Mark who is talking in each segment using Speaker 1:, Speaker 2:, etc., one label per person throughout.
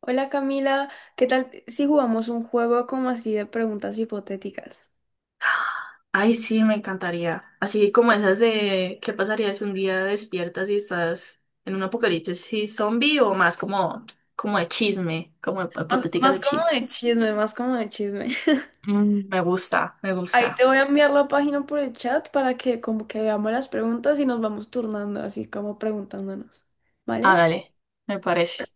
Speaker 1: Hola Camila, ¿qué tal si jugamos un juego como así de preguntas hipotéticas?
Speaker 2: Ay, sí, me encantaría. Así como esas de ¿qué pasaría si un día despiertas y estás en un apocalipsis zombie o más como de chisme, como
Speaker 1: Más,
Speaker 2: hipotética de
Speaker 1: más como
Speaker 2: chisme?
Speaker 1: de chisme, más como de chisme.
Speaker 2: Mm, me gusta, me gusta.
Speaker 1: Ahí te voy a enviar la página por el chat para que como que veamos las preguntas y nos vamos turnando, así como preguntándonos, ¿vale?
Speaker 2: Hágale, me parece.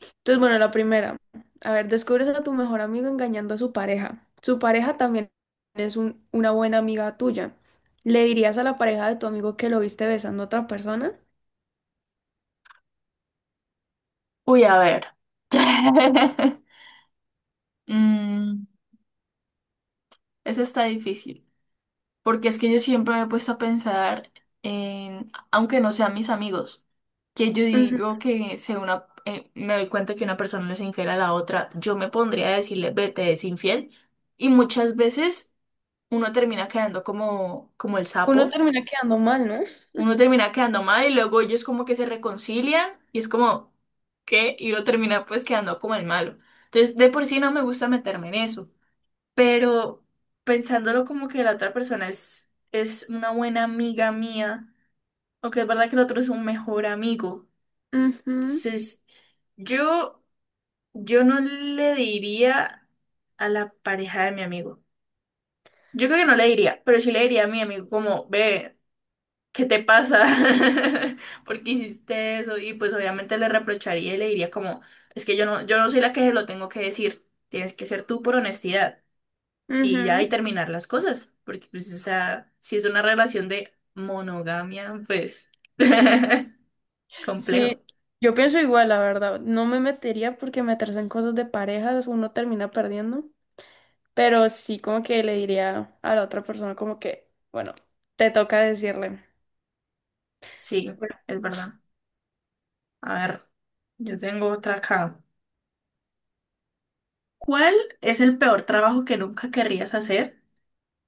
Speaker 1: Entonces, bueno, la primera. A ver, descubres a tu mejor amigo engañando a su pareja. Su pareja también es una buena amiga tuya. ¿Le dirías a la pareja de tu amigo que lo viste besando a otra persona?
Speaker 2: Uy, a ver. Mm, Ese está difícil. Porque es que yo siempre me he puesto a pensar en, aunque no sean mis amigos, que yo
Speaker 1: Ujú.
Speaker 2: digo que se una, me doy cuenta que una persona le es infiel a la otra, yo me pondría a decirle, vete, es infiel. Y muchas veces uno termina quedando como, como el
Speaker 1: Uno
Speaker 2: sapo,
Speaker 1: termina quedando mal, ¿no?
Speaker 2: uno termina quedando mal y luego ellos como que se reconcilian y es como, ¿qué? Y uno termina pues quedando como el malo. Entonces, de por sí no me gusta meterme en eso, pero pensándolo como que la otra persona es una buena amiga mía, o que es verdad que el otro es un mejor amigo.
Speaker 1: Ujú.
Speaker 2: Entonces, yo, yo no le diría a la pareja de mi amigo. Yo creo que no le diría, pero sí le diría a mi amigo como, ve, ¿qué te pasa? ¿Por qué hiciste eso? Y pues obviamente le reprocharía y le diría como, es que yo no soy la que se lo tengo que decir. Tienes que ser tú por honestidad. Y ya,
Speaker 1: Ujú.
Speaker 2: y terminar las cosas, porque pues, o sea, si es una relación de monogamia, pues
Speaker 1: Sí,
Speaker 2: complejo.
Speaker 1: yo pienso igual, la verdad. No me metería porque meterse en cosas de parejas uno termina perdiendo. Pero sí como que le diría a la otra persona como que, bueno, te toca decirle.
Speaker 2: Sí,
Speaker 1: Bueno,
Speaker 2: es verdad. A ver, yo tengo otra acá. ¿Cuál es el peor trabajo que nunca querrías hacer?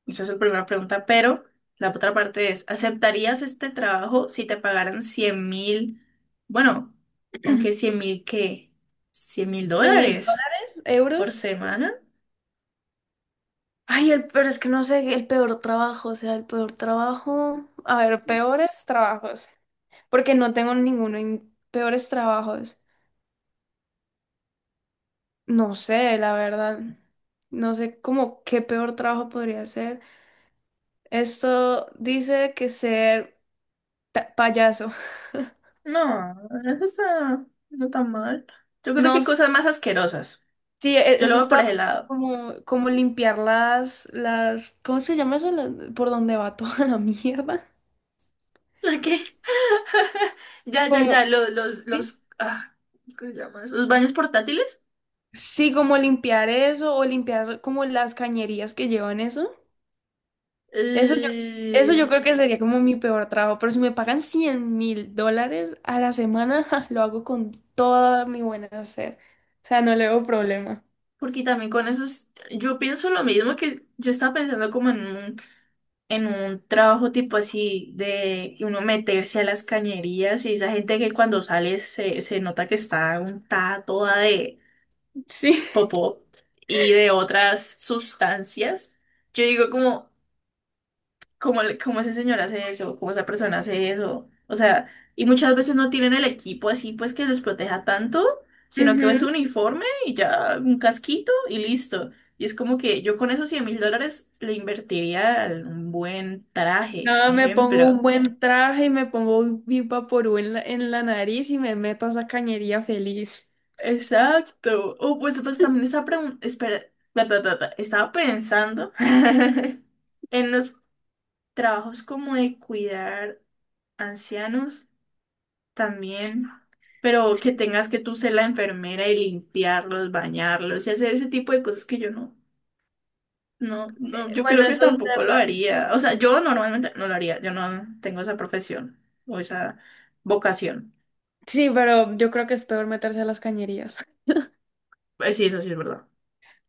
Speaker 2: Esa es la primera pregunta, pero la otra parte es, ¿aceptarías este trabajo si te pagaran 100.000? Bueno, aunque 100.000, ¿qué? ¿100.000
Speaker 1: ¿En mil
Speaker 2: dólares
Speaker 1: dólares?
Speaker 2: por
Speaker 1: ¿Euros?
Speaker 2: semana?
Speaker 1: Ay, el, pero es que no sé, el peor trabajo, o sea, el peor trabajo. A ver, peores trabajos. Porque no tengo ninguno en peores trabajos. No sé, la verdad. No sé cómo qué peor trabajo podría ser. Esto dice que ser payaso.
Speaker 2: No, eso está no tan mal. Yo creo
Speaker 1: No,
Speaker 2: que hay cosas más asquerosas.
Speaker 1: sí,
Speaker 2: Yo lo
Speaker 1: eso
Speaker 2: veo por
Speaker 1: está
Speaker 2: ese lado.
Speaker 1: como, como limpiar las, ¿cómo se llama eso? Las- por donde va toda la mierda.
Speaker 2: ¿Por qué? Ya, ya,
Speaker 1: Como,
Speaker 2: ya, los, los,
Speaker 1: ¿sí?
Speaker 2: los, ah, ¿cómo se llama eso? Los baños portátiles.
Speaker 1: Sí, como limpiar eso o limpiar como las cañerías que llevan eso. Eso yo, eso
Speaker 2: Eh,
Speaker 1: yo creo que sería como mi peor trabajo, pero si me pagan $100,000 a la semana, ja, lo hago con toda mi buena hacer. O sea, no le veo problema.
Speaker 2: porque también con esos, yo pienso lo mismo que yo estaba pensando como en un, trabajo tipo así de que uno meterse a las cañerías y esa gente que cuando sale se nota que está untada toda de
Speaker 1: Sí.
Speaker 2: popó y de otras sustancias, yo digo como ese señor hace eso, como esa persona hace eso, o sea, y muchas veces no tienen el equipo así pues que los proteja tanto, sino que es un
Speaker 1: Ujú.
Speaker 2: uniforme y ya un casquito y listo. Y es como que yo con esos 100.000 dólares le invertiría en un buen traje,
Speaker 1: No, me pongo un
Speaker 2: ejemplo.
Speaker 1: buen traje y me pongo un Big Vaporub en en la nariz y me meto a esa cañería feliz.
Speaker 2: Exacto. Oh, pues, pues también estaba, espera, bla, bla, bla, bla. Estaba pensando en los trabajos como de cuidar ancianos
Speaker 1: Sí,
Speaker 2: también, pero que tengas que tú ser la enfermera y limpiarlos, bañarlos y hacer ese tipo de cosas que yo no, no, no, yo creo
Speaker 1: Bueno,
Speaker 2: que
Speaker 1: eso es
Speaker 2: tampoco lo
Speaker 1: verdad.
Speaker 2: haría. O sea, yo normalmente no lo haría, yo no tengo esa profesión o esa vocación.
Speaker 1: Sí, pero yo creo que es peor meterse a las cañerías.
Speaker 2: Sí, eso sí es verdad.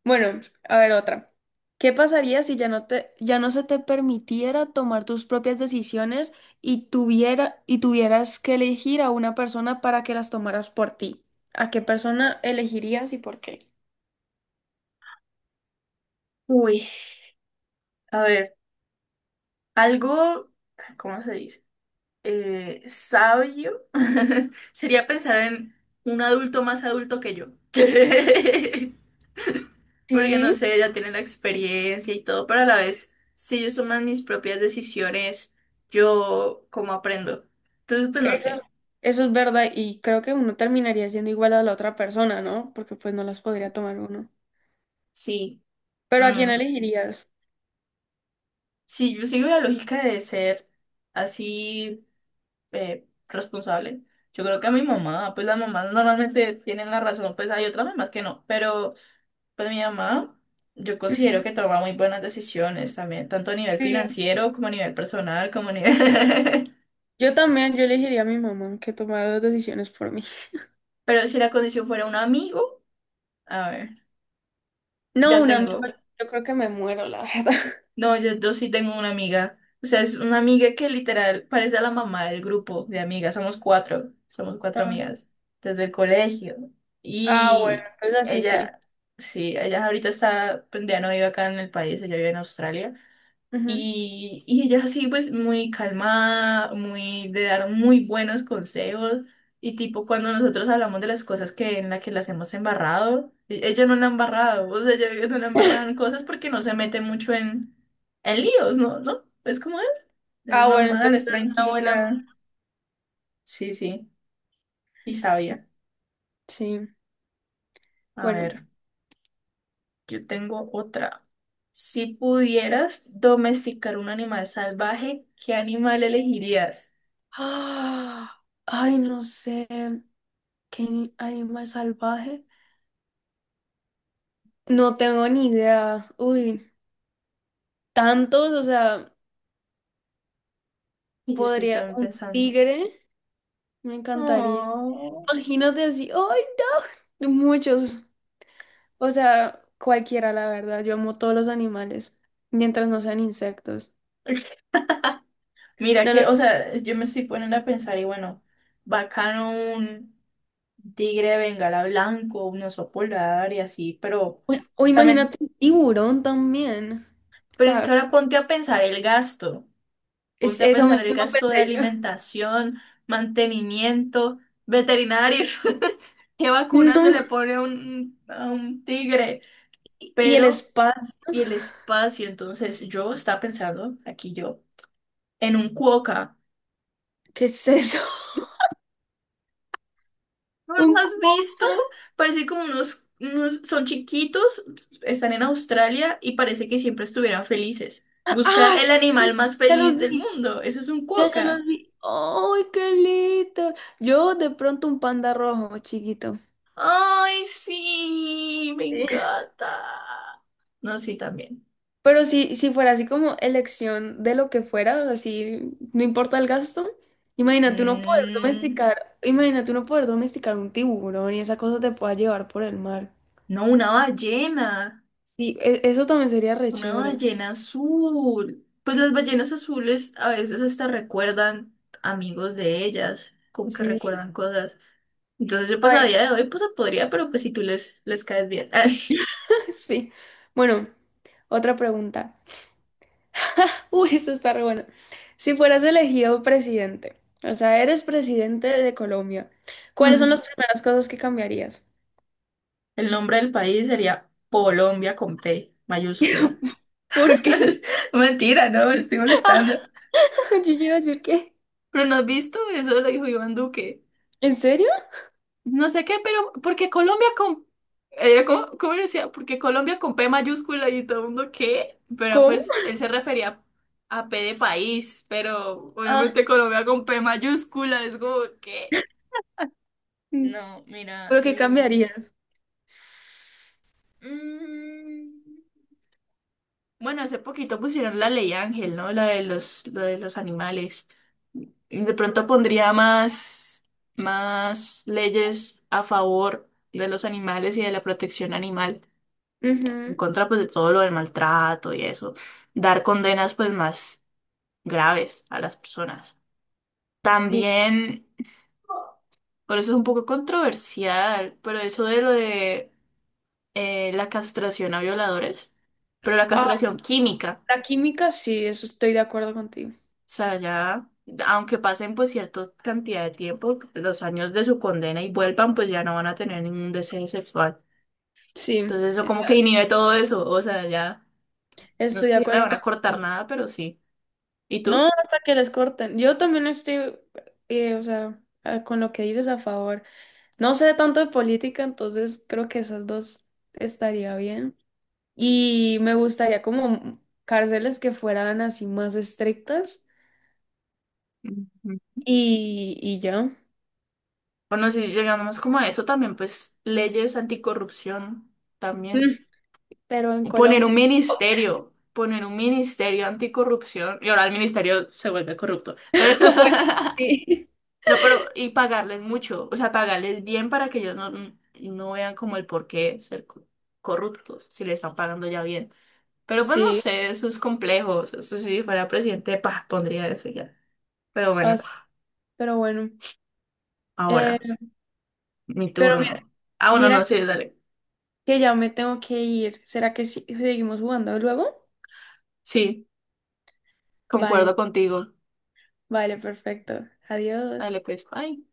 Speaker 1: Bueno, a ver otra. ¿Qué pasaría si ya no se te permitiera tomar tus propias decisiones y tuvieras que elegir a una persona para que las tomaras por ti? ¿A qué persona elegirías y por qué?
Speaker 2: Uy, a ver, algo, ¿cómo se dice? Sabio sería pensar en un adulto más adulto que yo. Porque no
Speaker 1: Sí.
Speaker 2: sé, ya tienen la experiencia y todo, pero a la vez, si ellos toman mis propias decisiones, yo cómo aprendo. Entonces, pues no
Speaker 1: Eso,
Speaker 2: sé,
Speaker 1: eso es verdad y creo que uno terminaría siendo igual a la otra persona, ¿no? Porque pues no las podría tomar uno.
Speaker 2: sí,
Speaker 1: Pero ¿a quién
Speaker 2: mm,
Speaker 1: elegirías?
Speaker 2: si yo sigo la lógica de ser así, responsable, yo creo que a mi mamá, pues las mamás normalmente tienen la razón, pues hay otras mamás que no, pero pues mi mamá, yo
Speaker 1: Ujú,
Speaker 2: considero que toma muy buenas decisiones también, tanto a nivel
Speaker 1: sí.
Speaker 2: financiero como a nivel personal, como a nivel...
Speaker 1: Yo también, yo elegiría a mi mamá que tomara las decisiones por mí.
Speaker 2: Pero si la condición fuera un amigo... A ver.
Speaker 1: No,
Speaker 2: Ya
Speaker 1: un amigo,
Speaker 2: tengo.
Speaker 1: yo creo que me muero, la verdad.
Speaker 2: No, yo sí tengo una amiga. O sea, es una amiga que literal parece a la mamá del grupo de amigas. Somos cuatro. Somos cuatro
Speaker 1: Ajá.
Speaker 2: amigas desde el colegio.
Speaker 1: Ah, bueno,
Speaker 2: Y
Speaker 1: entonces así sí.
Speaker 2: Ella, sí, ella ahorita está, pues ya no vive acá en el país, ella vive en Australia.
Speaker 1: Ujú.
Speaker 2: Y ella así, pues muy calmada, muy de dar muy buenos consejos. Y tipo, cuando nosotros hablamos de las cosas que en las que las hemos embarrado, ella no la ha embarrado, o sea, ella no la ha embarrado en cosas porque no se mete mucho en, líos, ¿no? ¿No? Es como él, es
Speaker 1: Ah, bueno, entonces
Speaker 2: normal, es
Speaker 1: es una buena.
Speaker 2: tranquila. Sí, sí, y sabia.
Speaker 1: Sí,
Speaker 2: A
Speaker 1: bueno.
Speaker 2: ver, yo tengo otra. Si pudieras domesticar un animal salvaje, ¿qué animal elegirías?
Speaker 1: Ah, ay, no sé. ¿Qué animal salvaje? No tengo ni idea. Uy. Tantos, o sea,
Speaker 2: Y yo estoy
Speaker 1: podría
Speaker 2: también
Speaker 1: un
Speaker 2: pensando.
Speaker 1: tigre, me encantaría.
Speaker 2: Oh.
Speaker 1: Imagínate así, ¡ay, no! Muchos, o sea, cualquiera, la verdad. Yo amo todos los animales, mientras no sean insectos.
Speaker 2: Mira
Speaker 1: No,
Speaker 2: que, o sea, yo me estoy poniendo a pensar y bueno, bacano un tigre de bengala blanco, un oso polar y así, pero
Speaker 1: o imagínate
Speaker 2: también,
Speaker 1: un tiburón también. O
Speaker 2: pero es que
Speaker 1: sea,
Speaker 2: ahora ponte a pensar el gasto,
Speaker 1: es
Speaker 2: ponte a
Speaker 1: eso
Speaker 2: pensar el
Speaker 1: mismo
Speaker 2: gasto de
Speaker 1: pensé yo.
Speaker 2: alimentación, mantenimiento, veterinario, qué vacunas se
Speaker 1: No,
Speaker 2: le pone a un tigre,
Speaker 1: y el
Speaker 2: pero
Speaker 1: espacio,
Speaker 2: y el espacio, entonces yo estaba pensando, aquí yo, en un cuoca.
Speaker 1: ¿qué es eso?
Speaker 2: ¿No los
Speaker 1: Un
Speaker 2: has
Speaker 1: cubo.
Speaker 2: visto? Parece como unos, son chiquitos, están en Australia y parece que siempre estuvieran felices. Busca
Speaker 1: ¡Ah!
Speaker 2: el
Speaker 1: Sí,
Speaker 2: animal más
Speaker 1: ya los
Speaker 2: feliz del
Speaker 1: vi.
Speaker 2: mundo. Eso es un
Speaker 1: Ya
Speaker 2: cuoca.
Speaker 1: los vi. ¡Ay, qué lindo! Yo de pronto un panda rojo, chiquito.
Speaker 2: Ay, sí, me
Speaker 1: Sí.
Speaker 2: encanta. No, sí, también.
Speaker 1: Pero si fuera así como elección de lo que fuera, así no importa el gasto, imagínate uno poder
Speaker 2: Mm,
Speaker 1: domesticar, imagínate uno poder domesticar un tiburón y esa cosa te pueda llevar por el mar.
Speaker 2: no, una ballena.
Speaker 1: Sí, eso también sería re
Speaker 2: Una
Speaker 1: chévere.
Speaker 2: ballena azul. Pues las ballenas azules a veces hasta recuerdan amigos de ellas, como que
Speaker 1: Sí.
Speaker 2: recuerdan cosas. Entonces yo pues a
Speaker 1: Ay.
Speaker 2: día de hoy pues podría, pero pues si tú les caes bien.
Speaker 1: Sí. Bueno, otra pregunta. Uy, esto está re bueno. Si fueras elegido presidente, o sea, eres presidente de Colombia, ¿cuáles son
Speaker 2: Mm.
Speaker 1: las primeras cosas que cambiarías?
Speaker 2: El nombre del país sería Colombia con P mayúscula.
Speaker 1: ¿Por qué?
Speaker 2: Mentira, no, me estoy molestando.
Speaker 1: Yo iba a decir que.
Speaker 2: Pero no has visto, eso lo dijo Iván Duque.
Speaker 1: ¿En serio?
Speaker 2: No sé qué, pero porque Colombia con... ¿cómo decía? Porque Colombia con P mayúscula y todo el mundo qué, pero
Speaker 1: ¿Cómo?
Speaker 2: pues él se refería a P de país, pero
Speaker 1: Ah,
Speaker 2: obviamente Colombia con P mayúscula es como qué.
Speaker 1: mm,
Speaker 2: No, mira,
Speaker 1: ¿pero qué cambiarías?
Speaker 2: mm, bueno, hace poquito pusieron la ley Ángel, ¿no? La de los animales. De pronto pondría más leyes a favor de los animales y de la protección animal, en
Speaker 1: Ujú,
Speaker 2: contra pues de todo lo del maltrato y eso, dar condenas pues más graves a las personas.
Speaker 1: sí.
Speaker 2: También, por eso es un poco controversial, pero eso de lo de la castración a violadores, pero la
Speaker 1: Ah,
Speaker 2: castración química, o
Speaker 1: la química, sí, eso estoy de acuerdo contigo.
Speaker 2: sea, ya, aunque pasen pues cierta cantidad de tiempo, los años de su condena y vuelvan, pues ya no van a tener ningún deseo sexual.
Speaker 1: Sí,
Speaker 2: Entonces eso como que inhibe todo eso, o sea, ya, no es
Speaker 1: estoy de
Speaker 2: que le
Speaker 1: acuerdo
Speaker 2: van a cortar
Speaker 1: contigo.
Speaker 2: nada, pero sí. ¿Y
Speaker 1: No,
Speaker 2: tú?
Speaker 1: hasta que les corten. Yo también estoy, o sea, ah, con lo que dices a favor. No sé tanto de política, entonces creo que esas dos estaría bien. Y me gustaría como cárceles que fueran así más estrictas
Speaker 2: Ujú.
Speaker 1: y ya.
Speaker 2: Bueno, si llegamos como a eso también, pues leyes anticorrupción también.
Speaker 1: Mm, pero en Colombia.
Speaker 2: Poner un ministerio anticorrupción. Y ahora el ministerio se vuelve corrupto. Pero
Speaker 1: Bueno, sí.
Speaker 2: no, pero y pagarles mucho, o sea, pagarles bien para que ellos no vean como el por qué ser corruptos, si le están pagando ya bien. Pero pues no
Speaker 1: Sí,
Speaker 2: sé, eso es complejo. Eso si fuera presidente, pondría eso ya. Pero
Speaker 1: o
Speaker 2: bueno,
Speaker 1: sea, pero bueno. Eh,
Speaker 2: ahora, mi
Speaker 1: pero mira,
Speaker 2: turno. Ah, bueno, no,
Speaker 1: mira
Speaker 2: sí, dale.
Speaker 1: que ya me tengo que ir. ¿Será que seguimos jugando luego?
Speaker 2: Sí.
Speaker 1: Vale,
Speaker 2: Concuerdo contigo.
Speaker 1: vale, perfecto. Adiós.
Speaker 2: Dale, pues. Bye.